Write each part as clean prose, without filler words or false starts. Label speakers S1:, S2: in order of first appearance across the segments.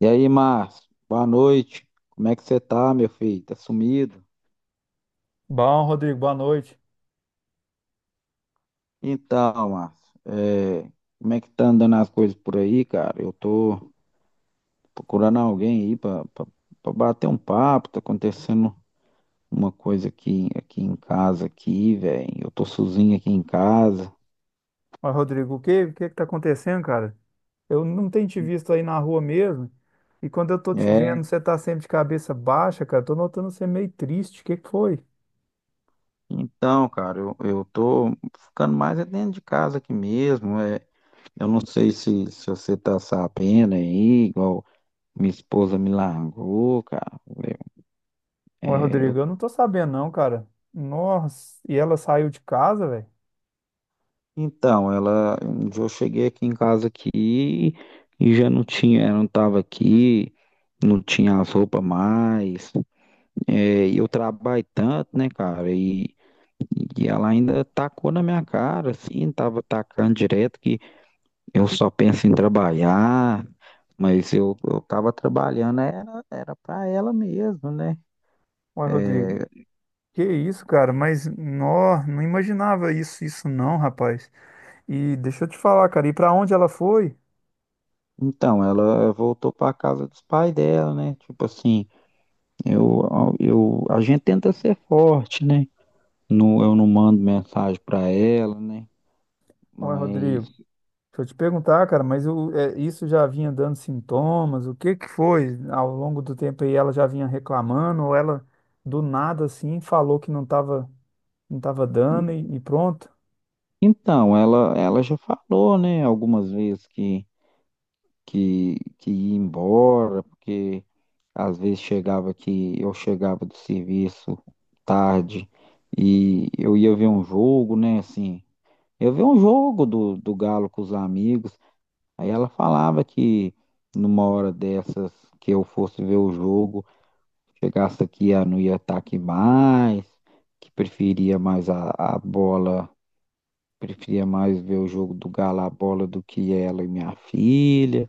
S1: E aí, Márcio, boa noite. Como é que você tá, meu filho? Tá sumido?
S2: Bom, Rodrigo, boa noite.
S1: Então, Márcio, como é que tá andando as coisas por aí, cara? Eu tô procurando alguém aí pra bater um papo. Tá acontecendo uma coisa aqui, aqui em casa, aqui, velho. Eu tô sozinho aqui em casa.
S2: Mas, Rodrigo, o que é que tá acontecendo, cara? Eu não tenho te visto aí na rua mesmo. E quando eu tô te
S1: É,
S2: vendo, você tá sempre de cabeça baixa, cara. Tô notando você meio triste. O que que foi?
S1: então, cara, eu tô ficando mais é dentro de casa aqui mesmo. Eu não sei se você tá sabendo aí, igual minha esposa me largou, cara. É,
S2: Ué, Rodrigo, eu não tô sabendo não, cara. Nossa, e ela saiu de casa, velho?
S1: Então, ela, um dia eu cheguei aqui em casa aqui e já não tinha, ela não estava aqui, não tinha as roupas mais. É, e eu trabalho tanto, né, cara? E ela ainda tacou na minha cara, assim, tava tacando direto que eu só penso em trabalhar, mas eu tava trabalhando, era para ela mesmo, né?
S2: Ué, Rodrigo,
S1: É,
S2: que isso, cara? Mas, nó, não imaginava isso não, rapaz. E deixa eu te falar, cara, e pra onde ela foi?
S1: então, ela voltou para casa dos pais dela, né? Tipo assim. Eu, a gente tenta ser forte, né? No, eu não mando mensagem para ela, né?
S2: Ué,
S1: Mas
S2: Rodrigo, deixa eu te perguntar, cara, mas isso já vinha dando sintomas? O que que foi ao longo do tempo aí? Ela já vinha reclamando ou ela do nada assim falou que não tava dando e pronto?
S1: então, ela já falou, né, algumas vezes que ia embora, porque às vezes chegava que eu chegava do serviço tarde e eu ia ver um jogo, né? Assim, eu ver um jogo do Galo com os amigos. Aí ela falava que numa hora dessas que eu fosse ver o jogo, chegasse aqui, ela não ia estar aqui mais, que preferia mais a bola, preferia mais ver o jogo do Galo a bola do que ela e minha filha.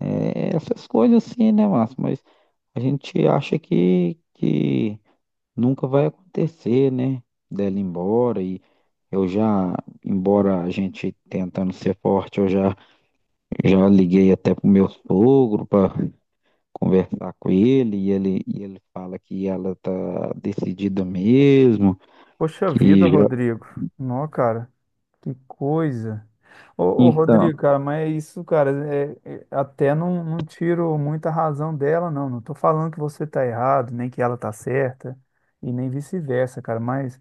S1: É, essas coisas assim, né, Márcio? Mas a gente acha que nunca vai acontecer, né? Dela ir embora e eu já, embora a gente tentando ser forte, eu já, já liguei até pro meu sogro para conversar com ele e ele fala que ela tá decidida mesmo,
S2: Poxa vida,
S1: que já...
S2: Rodrigo. Não, cara. Que coisa. Ô,
S1: Então,
S2: Rodrigo, cara, mas é isso, cara, até não, não tiro muita razão dela, não. Não tô falando que você tá errado, nem que ela tá certa, e nem vice-versa, cara, mas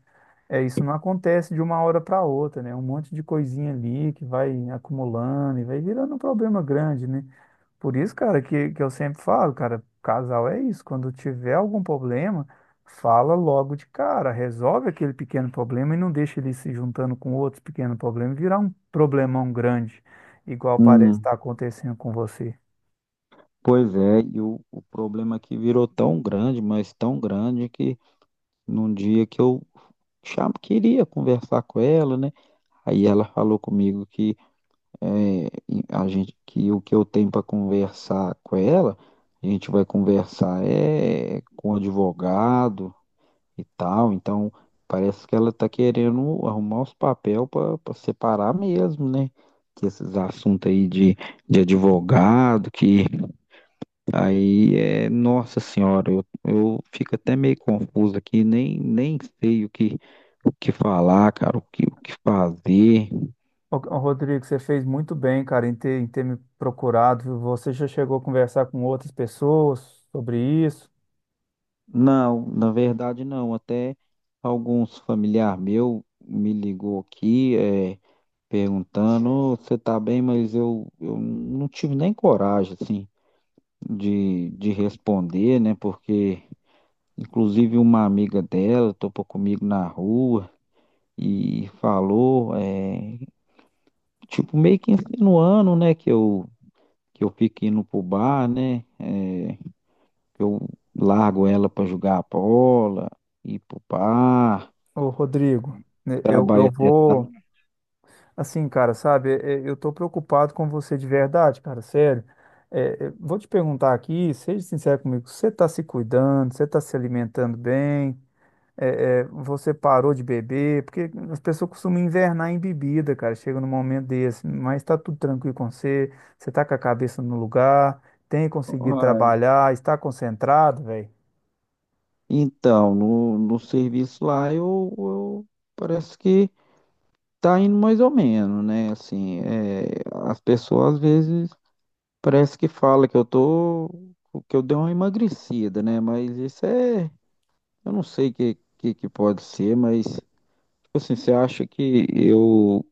S2: é isso não acontece de uma hora para outra, né? Um monte de coisinha ali que vai acumulando e vai virando um problema grande, né? Por isso, cara, que eu sempre falo, cara, casal é isso. Quando tiver algum problema, fala logo de cara, resolve aquele pequeno problema e não deixa ele se juntando com outros pequenos problemas e virar um problemão grande, igual parece
S1: hum,
S2: estar acontecendo com você.
S1: pois é, e o problema que virou tão grande, mas tão grande que num dia que eu queria conversar com ela, né? Aí ela falou comigo que é, e a gente que o que eu tenho para conversar com ela, a gente vai conversar é com o advogado e tal. Então, parece que ela tá querendo arrumar os papéis para separar mesmo, né? Que esses assuntos aí de advogado, que aí é, nossa senhora, eu fico até meio confuso aqui, nem sei o que falar, cara, o que fazer.
S2: Ô, Rodrigo, você fez muito bem, cara, em ter me procurado, viu? Você já chegou a conversar com outras pessoas sobre isso?
S1: Não, na verdade não, até alguns familiar meu me ligou aqui, é, perguntando, "Ô, você tá bem, mas eu não tive nem coragem, assim, de responder, né? Porque, inclusive, uma amiga dela topou comigo na rua e falou, é, tipo, meio que insinuando, né, que eu fico indo pro bar, né? Que eu largo ela pra jogar bola, ir pro bar,
S2: Ô, Rodrigo, né, eu,
S1: trabalho
S2: eu
S1: até
S2: vou.
S1: tarde.
S2: Assim, cara, sabe, eu tô preocupado com você de verdade, cara, sério. Vou te perguntar aqui, seja sincero comigo, você tá se cuidando, você tá se alimentando bem? Você parou de beber? Porque as pessoas costumam invernar em bebida, cara, chega num momento desse. Mas tá tudo tranquilo com você, você tá com a cabeça no lugar, tem conseguido
S1: Uai,
S2: trabalhar, está concentrado, velho?
S1: então, no serviço lá, parece que tá indo mais ou menos, né? Assim, é, as pessoas às vezes parece que fala que eu tô, que eu dei uma emagrecida, né? Mas isso é, eu não sei o que pode ser, mas tipo assim, você acha que eu,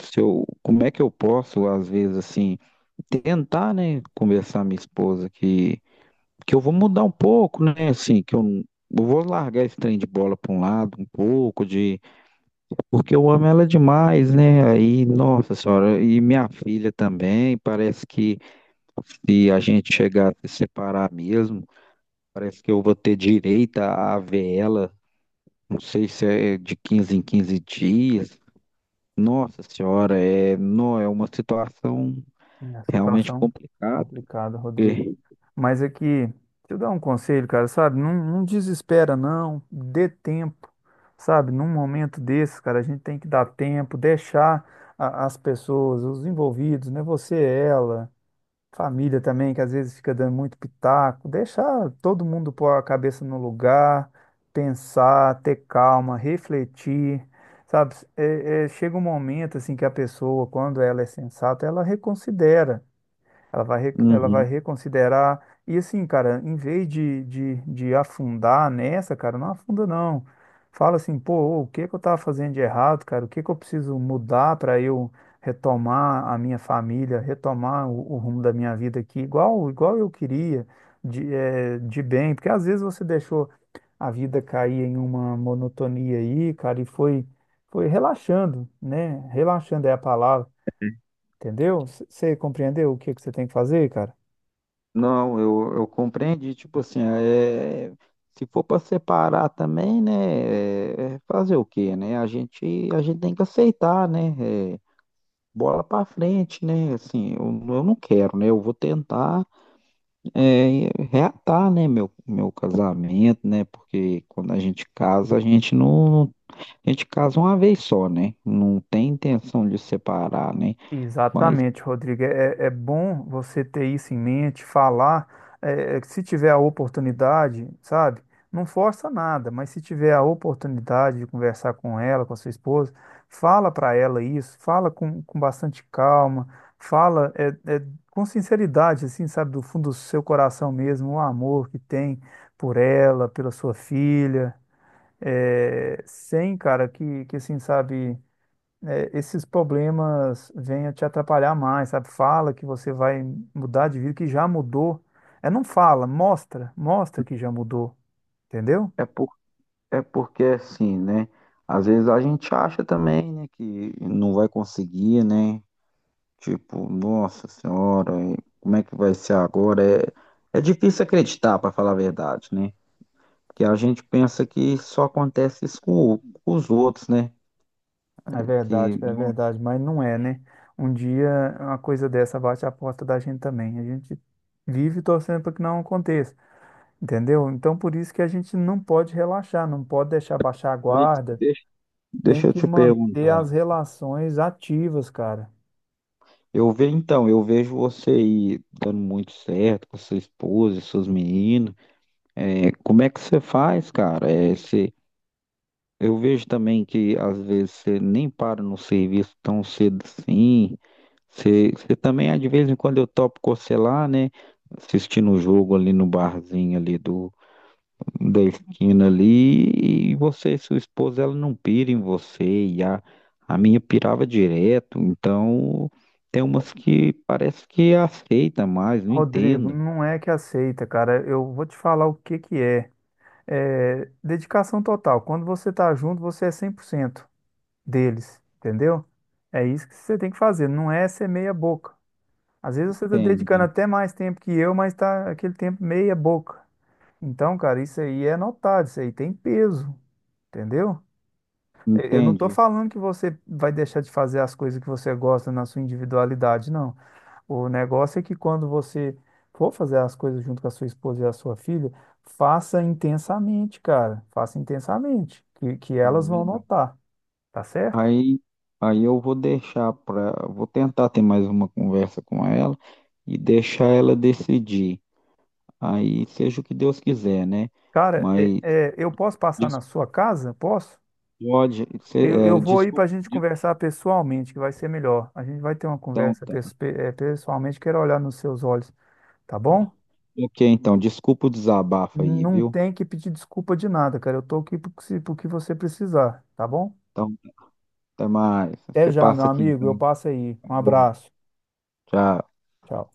S1: se eu, como é que eu posso às vezes assim tentar, né, conversar com minha esposa que eu vou mudar um pouco, né? Assim, que eu vou largar esse trem de bola para um lado um pouco de, porque eu amo ela demais, né? Aí, nossa senhora, e minha filha também, parece que se a gente chegar a se separar mesmo, parece que eu vou ter direito a ver ela, não sei se é de 15 em 15 dias. Nossa senhora, é, não, é uma situação
S2: É, a
S1: realmente
S2: situação
S1: complicada,
S2: complicada, Rodrigo.
S1: porque...
S2: Mas é que, deixa eu dar um conselho, cara, sabe? Não, não desespera, não. Dê tempo, sabe? Num momento desses, cara, a gente tem que dar tempo, deixar as pessoas, os envolvidos, né? Você, ela, família também, que às vezes fica dando muito pitaco. Deixar todo mundo pôr a cabeça no lugar, pensar, ter calma, refletir, sabe? Chega um momento, assim, que a pessoa, quando ela é sensata, ela reconsidera. Ela vai
S1: Uhum.
S2: reconsiderar. E assim, cara, em vez de afundar nessa, cara, não afunda não. Fala assim, pô, o que que eu tava fazendo de errado, cara? O que que eu preciso mudar para eu retomar a minha família, retomar o rumo da minha vida aqui, igual, igual eu queria, de, de bem. Porque às vezes você deixou a vida cair em uma monotonia aí, cara, e foi, foi relaxando, né? Relaxando é a palavra. Entendeu? Você compreendeu o que que você tem que fazer, cara?
S1: Não, eu compreendi, tipo assim, é, se for para separar também, né, é fazer o quê, né? A gente tem que aceitar, né? É, bola para frente, né? Assim, eu não quero, né? Eu vou tentar é reatar, né, meu casamento, né? Porque quando a gente casa, a gente não, a gente casa uma vez só, né? Não tem intenção de separar, né? Mas
S2: Exatamente, Rodrigo. É, é bom você ter isso em mente, falar. Se tiver a oportunidade, sabe? Não força nada, mas se tiver a oportunidade de conversar com ela, com a sua esposa, fala para ela isso, fala com bastante calma, fala é, com sinceridade, assim, sabe? Do fundo do seu coração mesmo, o amor que tem por ela, pela sua filha. Sem, cara, que assim, sabe, é, esses problemas venham te atrapalhar mais, sabe? Fala que você vai mudar de vida, que já mudou. É, não fala, mostra, mostra que já mudou, entendeu?
S1: é, é porque assim, né? Às vezes a gente acha também, né, que não vai conseguir, né? Tipo, nossa senhora, e como é que vai ser agora? É, é difícil acreditar, para falar a verdade, né? Porque a gente pensa que só acontece isso com com os outros, né?
S2: É
S1: Que...
S2: verdade, mas não é, né? Um dia uma coisa dessa bate a porta da gente também. A gente vive torcendo para que não aconteça, entendeu? Então, por isso que a gente não pode relaxar, não pode deixar baixar a
S1: Mas
S2: guarda, tem
S1: deixa eu
S2: que
S1: te
S2: manter
S1: perguntar.
S2: as relações ativas, cara.
S1: Eu vejo você aí dando muito certo com sua esposa e seus meninos. É, como é que você faz, cara? É, você... Eu vejo também que às vezes você nem para no serviço tão cedo assim. Você, também, ah, de vez em quando, eu topo cocelar, né? Assistindo o jogo ali no barzinho ali da esquina ali. E você e sua esposa, ela não pira em você. E a minha pirava direto. Então, tem umas que parece que aceita mais, não
S2: Rodrigo,
S1: entendo.
S2: não é que aceita, cara. Eu vou te falar o que que é. É dedicação total. Quando você tá junto, você é 100% deles, entendeu? É isso que você tem que fazer, não é ser meia boca. Às vezes você tá dedicando
S1: Entende,
S2: até mais tempo que eu, mas tá aquele tempo meia boca. Então, cara, isso aí é notado, isso aí tem peso, entendeu? Eu não estou
S1: entende.
S2: falando que você vai deixar de fazer as coisas que você gosta na sua individualidade, não. O negócio é que quando você for fazer as coisas junto com a sua esposa e a sua filha, faça intensamente, cara. Faça intensamente, que elas
S1: Não,
S2: vão
S1: verdade.
S2: notar, tá certo?
S1: Aí, eu vou deixar para, vou tentar ter mais uma conversa com ela e deixar ela decidir. Aí seja o que Deus quiser, né?
S2: Cara,
S1: Mas
S2: eu posso passar na
S1: des-
S2: sua casa? Posso?
S1: Pode,
S2: Eu
S1: é,
S2: vou ir para a
S1: desculpa,
S2: gente conversar pessoalmente, que vai ser melhor. A gente vai ter uma
S1: então,
S2: conversa
S1: tá.
S2: pessoalmente, quero olhar nos seus olhos, tá bom?
S1: Ok, então, desculpa o desabafo aí,
S2: Não
S1: viu?
S2: tem que pedir desculpa de nada, cara. Eu tô aqui pro que pro que você precisar, tá bom?
S1: Então, até mais.
S2: Até
S1: Você
S2: já, meu
S1: passa aqui,
S2: amigo.
S1: então.
S2: Eu passo aí. Um
S1: Falou.
S2: abraço.
S1: Tchau.
S2: Tchau.